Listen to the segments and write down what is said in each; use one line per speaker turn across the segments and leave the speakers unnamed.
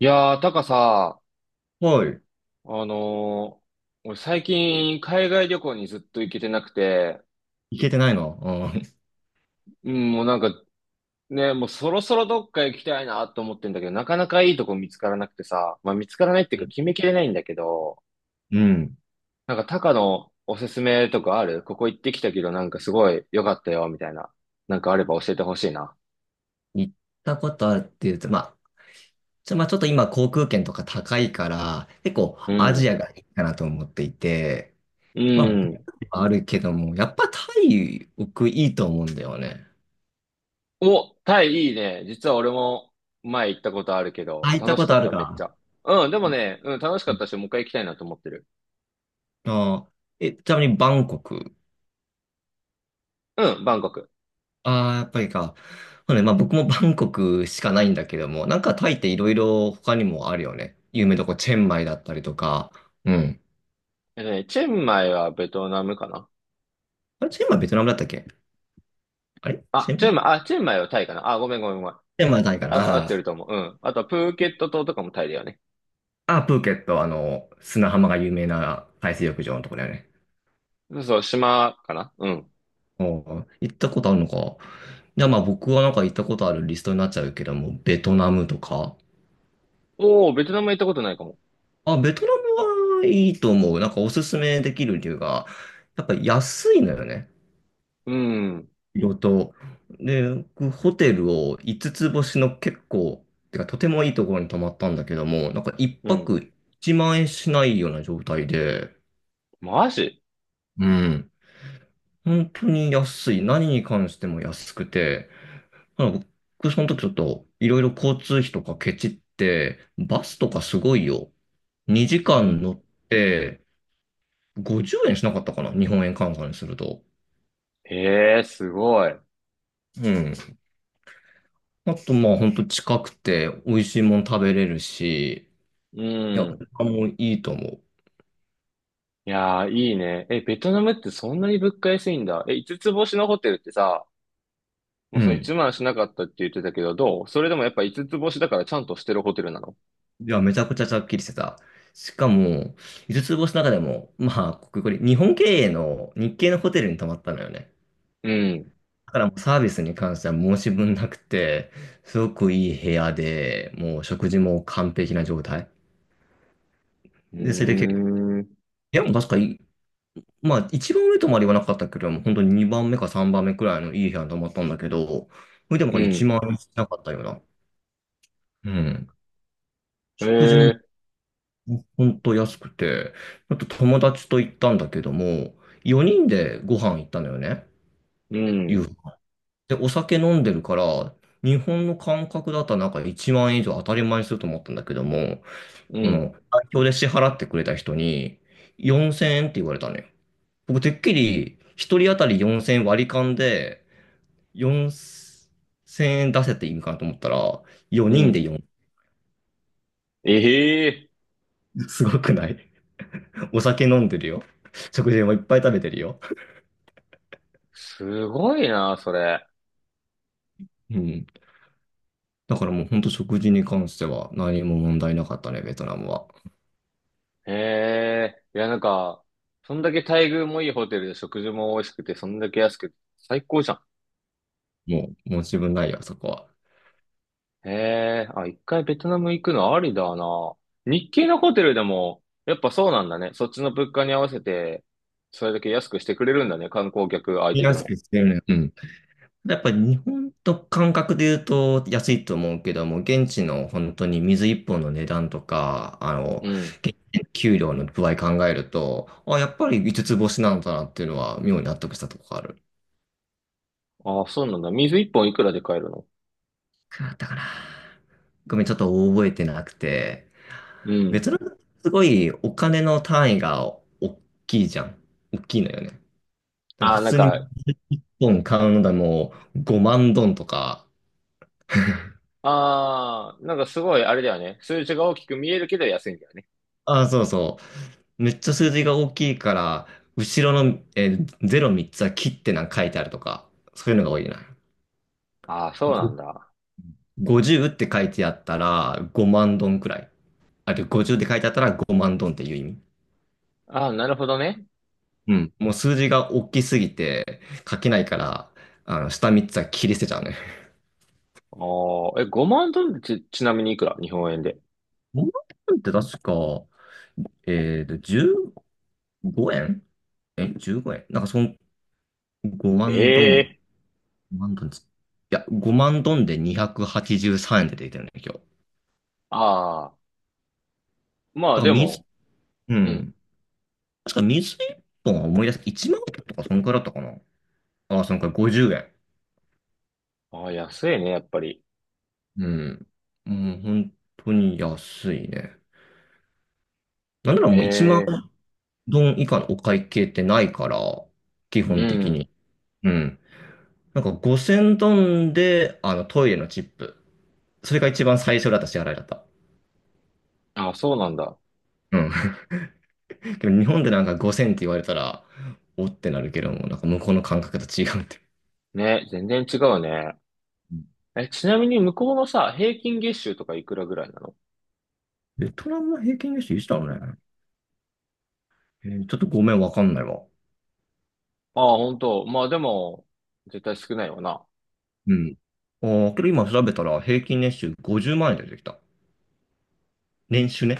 いやー、タカさ、
はい。
あのー俺最近海外旅行にずっと行けてなくて、
行けてないの。う
うん、もうなんかね、もうそろそろどっか行きたいなと思ってんだけど、なかなかいいとこ見つからなくてさ、まあ見つからないっていうか決
ん。
めきれないんだけど、
うん、
なんかタカのおすすめとかある？ここ行ってきたけどなんかすごい良かったよ、みたいな。なんかあれば教えてほしいな。
行ったことあるっていうと、まあ、まあ、ちょっと今航空券とか高いから、結構
う
アジ
ん。
アがいいかなと思っていて、
う
まあ、ベト
ん。
ナムはあるけども、やっぱタイ、僕いいと思うんだよね。
お、タイいいね。実は俺も前行ったことあるけど、
あ、行った
楽し
こ
か
とあ
っ
る
た、めっち
か。
ゃ。うん、でもね、楽しか
う
っ
ん、
たし、もう一回行きたいなと思ってる。
あえ、ちなみにバンコク。
うん、バンコク。
ああ、やっぱりか。そうね、まあ僕もバンコクしかないんだけども、なんかタイっていろいろ他にもあるよね。有名どこ、チェンマイだったりとか。うん。
えっとね、チェンマイはベトナムかな？
あれ、チェンマイ、ベトナムだったっけ？あれ、チ
あ、
ェ
チェン
ン
マイ、あ、チェンマイはタイかなあ、ごめん。
ピンマイじゃないか
あ、合
な。
っ
あ
て
ー
ると思う。うん。あとはプーケット島とかもタイだよね。
あー、プーケット、砂浜が有名な海水浴場のところだよね。
そうそう、島かな、うん。
おー、行ったことあるのか。じゃあまあ僕はなんか行ったことあるリストになっちゃうけども、ベトナムとか。
おー、ベトナム行ったことないかも。
あ、ベトナムはいいと思う。なんかおすすめできる理由が、やっぱり安いのよね。
うん、
色と。で、僕ホテルを5つつ星の結構、てかとてもいいところに泊まったんだけども、なんか1
うん。
泊1万円しないような状態で、
マジ？
うん。本当に安い。何に関しても安くて、なんか僕その時ちょっといろいろ交通費とかケチって、バスとかすごいよ。2
う
時間
ん。
乗って50円しなかったかな。日本円換算にすると。
へえ、すごい。
うん。あとまあ本当近くて美味しいもん食べれるし、
う
いや、
ん。
もういいと思
いやー、いいね。え、ベトナムってそんなに物価安いんだ。え、五つ星のホテルってさ、も
う。
う
う
その1
ん。
万しなかったって言ってたけど、どう？それでもやっぱ五つ星だからちゃんとしてるホテルなの？
いや、めちゃくちゃちゃっきりしてた。しかも、五つ星の中でも、まあ、これ日本経営の日系のホテルに泊まったのよね。
うん。
だからもうサービスに関しては申し分なくて、すごくいい部屋で、もう食事も完璧な状態。
うー
で、それで結構、部
ん。
屋も確かいい、まあ一番上とまではわなかったけど、もう本当に2番目か3番目くらいのいい部屋に泊まったんだけど、それでも
う
なんか1
ん。
万円しなかったような。うん。
え
食事も
ー、
本当安くて、あと友達と行ったんだけども、4人でご飯行ったのよね。
う
夕
ん。
飯。で、お酒飲んでるから、日本の感覚だったらなんか1万円以上当たり前にすると思ったんだけども、
うん。
代表で支払ってくれた人に4000円って言われたのよ。僕、てっきり1人当たり4000円割り勘で4000円出せって意味かなと思ったら、
う
4人で
ん。
4、
ええー、
すごくない？ お酒飲んでるよ。食事もいっぱい食べてるよ。
すごいな、それ。
うん。だからもう本当食事に関しては何も問題なかったね、ベトナムは。
ええー、いや、なんか、そんだけ待遇もいいホテルで食事も美味しくて、そんだけ安くて、最高じゃん。
もう自分ないよ、そこは。
ええ、あ、一回ベトナム行くのありだな。日系のホテルでも、やっぱそうなんだね。そっちの物価に合わせて、それだけ安くしてくれるんだね。観光客相
見
手で
やす
も。
くしてるね。うん。やっぱり日本と感覚で言うと安いと思うけども、現地の本当に水一本の値段とか、
うん。
現地の給料の具合考えると、あ、やっぱり五つ星なんだなっていうのは妙に納得したとこがある。い
あ、そうなんだ。水一本いくらで買えるの？
くらだったかな。ごめん、ちょっと覚えてなくて、
うん。
別のすごいお金の単位が大きいじゃん。大きいのよね。なんか
あ、
普
なん
通に一
か、
本買うのでも5万ドンとか、
ああ、なんかすごいあれだよね。数字が大きく見えるけど安いんだよね。
あ、そうそう。めっちゃ数字が大きいから、後ろの、03つは切ってなんか書いてあるとか、そういうのが多いな。
ああ、そうなんだ。
ご50って書いてあったら5万ドンくらい。あるいは50って書いてあったら5万ドンっていう意味。
ああ、なるほどね。
うん。もう数字が大きすぎて書けないから、下3つは切り捨てちゃうね。
ああ、え、5万ドルってち、ちなみにいくら日本円で？
5万って確か、15円、え？ 15 円、なんかその5万ドン、
ええ、
5万ドンついや、5万ドンで283円で出てるね、今日。
ああ、まあ
だから、
でも、
う
うん。
ん。確か水一本は思い出す。1万円とかそんくらいだったかな。ああ、そんくらい50円。
ああ、安いね、やっぱり。
うん。もう本当に安いね。なんなら
え
もう1万
え、
ドン以下のお会計ってないから、基
う
本的
ん。
に。うん。なんか5000ドンで、トイレのチップ。それが一番最初だった支払いだった。
あ、そうなんだ。
うん。でも日本でなんか5000って言われたら、おってなるけども、なんか向こうの感覚と違うって。
ね、全然違うね。え、ちなみに向こうのさ、平均月収とかいくらぐらいなの？
ベトナムの平均年収いつだろうね。ちょっとごめん、わかんないわ。
ああ、ほ、まあでも、絶対少ないわな。
うん。ああ、けど今調べたら平均年収50万円で出てきた。年収ね。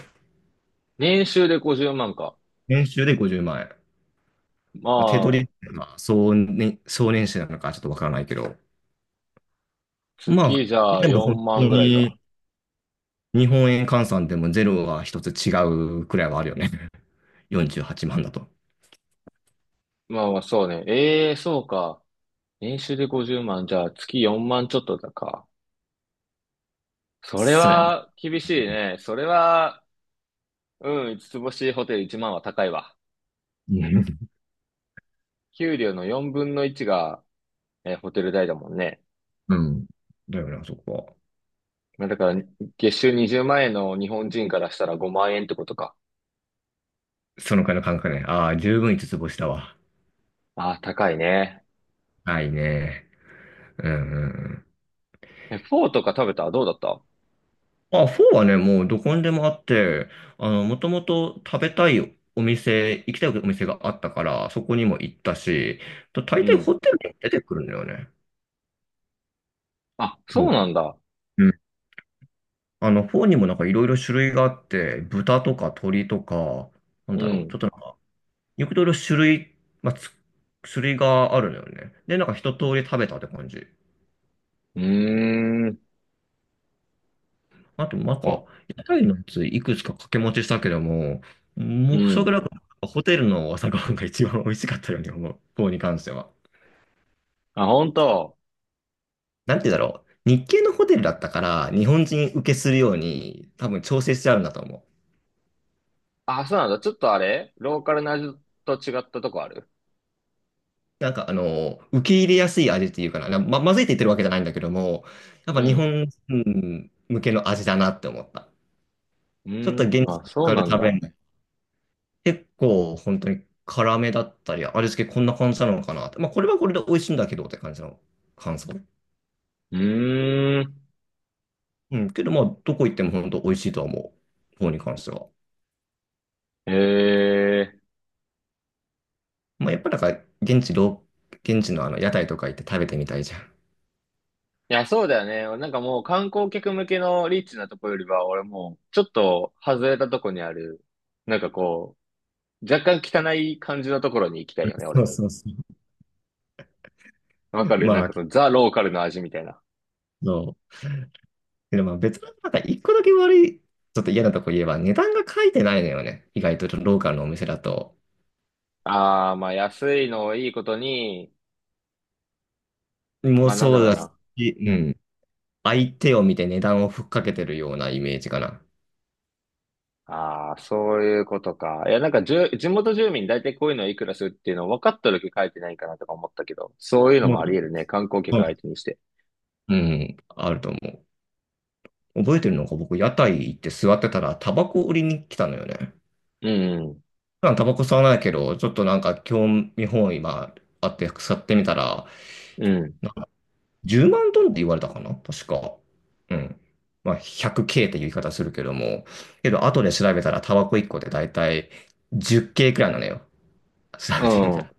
年収で50万か。
年収で50万円。
ま
まあ、手取
あ、
り、まあ、総年収なのかちょっとわからないけど。ま
月
あ、
じゃあ
でも本
4万
当
ぐらいか。
に日本円換算でもゼロは一つ違うくらいはあるよね。48万だと。
まあまあ、そうね。ええ、そうか。年収で50万、じゃあ月4万ちょっとだか。それ
そうやね。
は厳しいね。それは、うん、五つ星ホテル1万は高いわ。
うん。
給料の4分の1が、ホテル代だもんね。
うんだよな、そこは。
まあだから、月収20万円の日本人からしたら5万円ってことか。
そのくらいの感覚ね。ああ、十分五つ星だわ。
ああ、高いね。
ないね。うんうんうん。
え、フォーとか食べた？どうだった？
あ、フォーはね、もうどこにでもあって、もともと食べたいお店、行きたいお店があったから、そこにも行ったし、と大
う
抵
ん。
ホテルにも出てくるんだよね、
あ、
フ
そ
ォ
う
ーが。
なんだ。
うん。フォーにもなんかいろいろ種類があって、豚とか鶏とか、なん
う
だろう、ち
ん。
ょっとなんか、いろいろ種類、まあ、つ種類があるのよね。で、なんか一通り食べたって感じ。
うーん。
あと、なんか、
あ、
屋台のやついくつか掛け持ちしたけども、
う
もう、それぐ
ん。
らいかな、ホテルの朝ごはんが一番美味しかったように思う。方に関しては。
あ、本当？
なんて言うんだろう。日系のホテルだったから、日本人受けするように、多分調整してあるんだと思
あ、そうなんだ。ちょっとあれ、ローカルな味と違ったとこある？
う。なんか、受け入れやすい味っていうかな。まずいって言ってるわけじゃないんだけども、やっ
う
ぱ日
ん。
本人向けの味だなって思った。
う
ちょっと
ー
現
ん。
地
あ、そう
で
なん
食べ
だ。
る結構本当に辛めだったり、味付けこんな感じなのかなって。まあこれはこれで美味しいんだけどって感じの感想。
うーん。
うん。けどまあどこ行っても本当美味しいとは思う。方に関しては。
へえ。
まあやっぱなんか現地ロ現地のあの屋台とか行って食べてみたいじゃん。
いや、そうだよね。なんかもう観光客向けのリッチなとこよりは、俺もう、ちょっと外れたとこにある、なんかこう、若干汚い感じのところに行きたいよね、
そ
俺。
うそうそう。
わ かる、なん
ま
か
あ、
そのザ・ローカルの味みたいな。
そう。でもまあ別のなんか一個だけ悪い、ちょっと嫌なとこ言えば値段が書いてないのよね。意外とローカルのお店だと。
ああ、まあ安いのをいいことに、
もう
まあなん
そ
だ
う
ろう
だ
な。
し、うん。相手を見て値段をふっかけてるようなイメージかな。
ああ、そういうことか。いや、なんかじゅ、地元住民大体こういうのいくらするっていうのを分かった時書いてないかなとか思ったけど、そういうの
も
も
う、
あり得るね。観光客相手にして。
うん、あると思う。覚えてるのが僕、屋台行って座ってたら、タバコ売りに来たのよね。
うん、
普段タバコ吸わないけど、ちょっとなんか興味本位があって吸ってみたら、
うん、
なんか10万ドルって言われたかな確か。うん。まあ 100K っていう言い方するけども、けど後で調べたらタバコ1個でだいたい 10K くらいなのよ。調
う
べてみ
ん。
た
うん、
ら。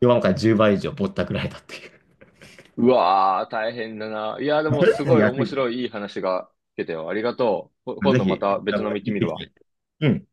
よんから10倍以上ぼったくられたっていう。
うわー、大変だな。いや、で
も
もす
う
ごい
安
面
い。
白いいい話が聞けたよ。ありがとう。こ、今
ぜ
度
ひ、
ま
行
た
っ
別の
て
見て
き
みるわ。
て。うん。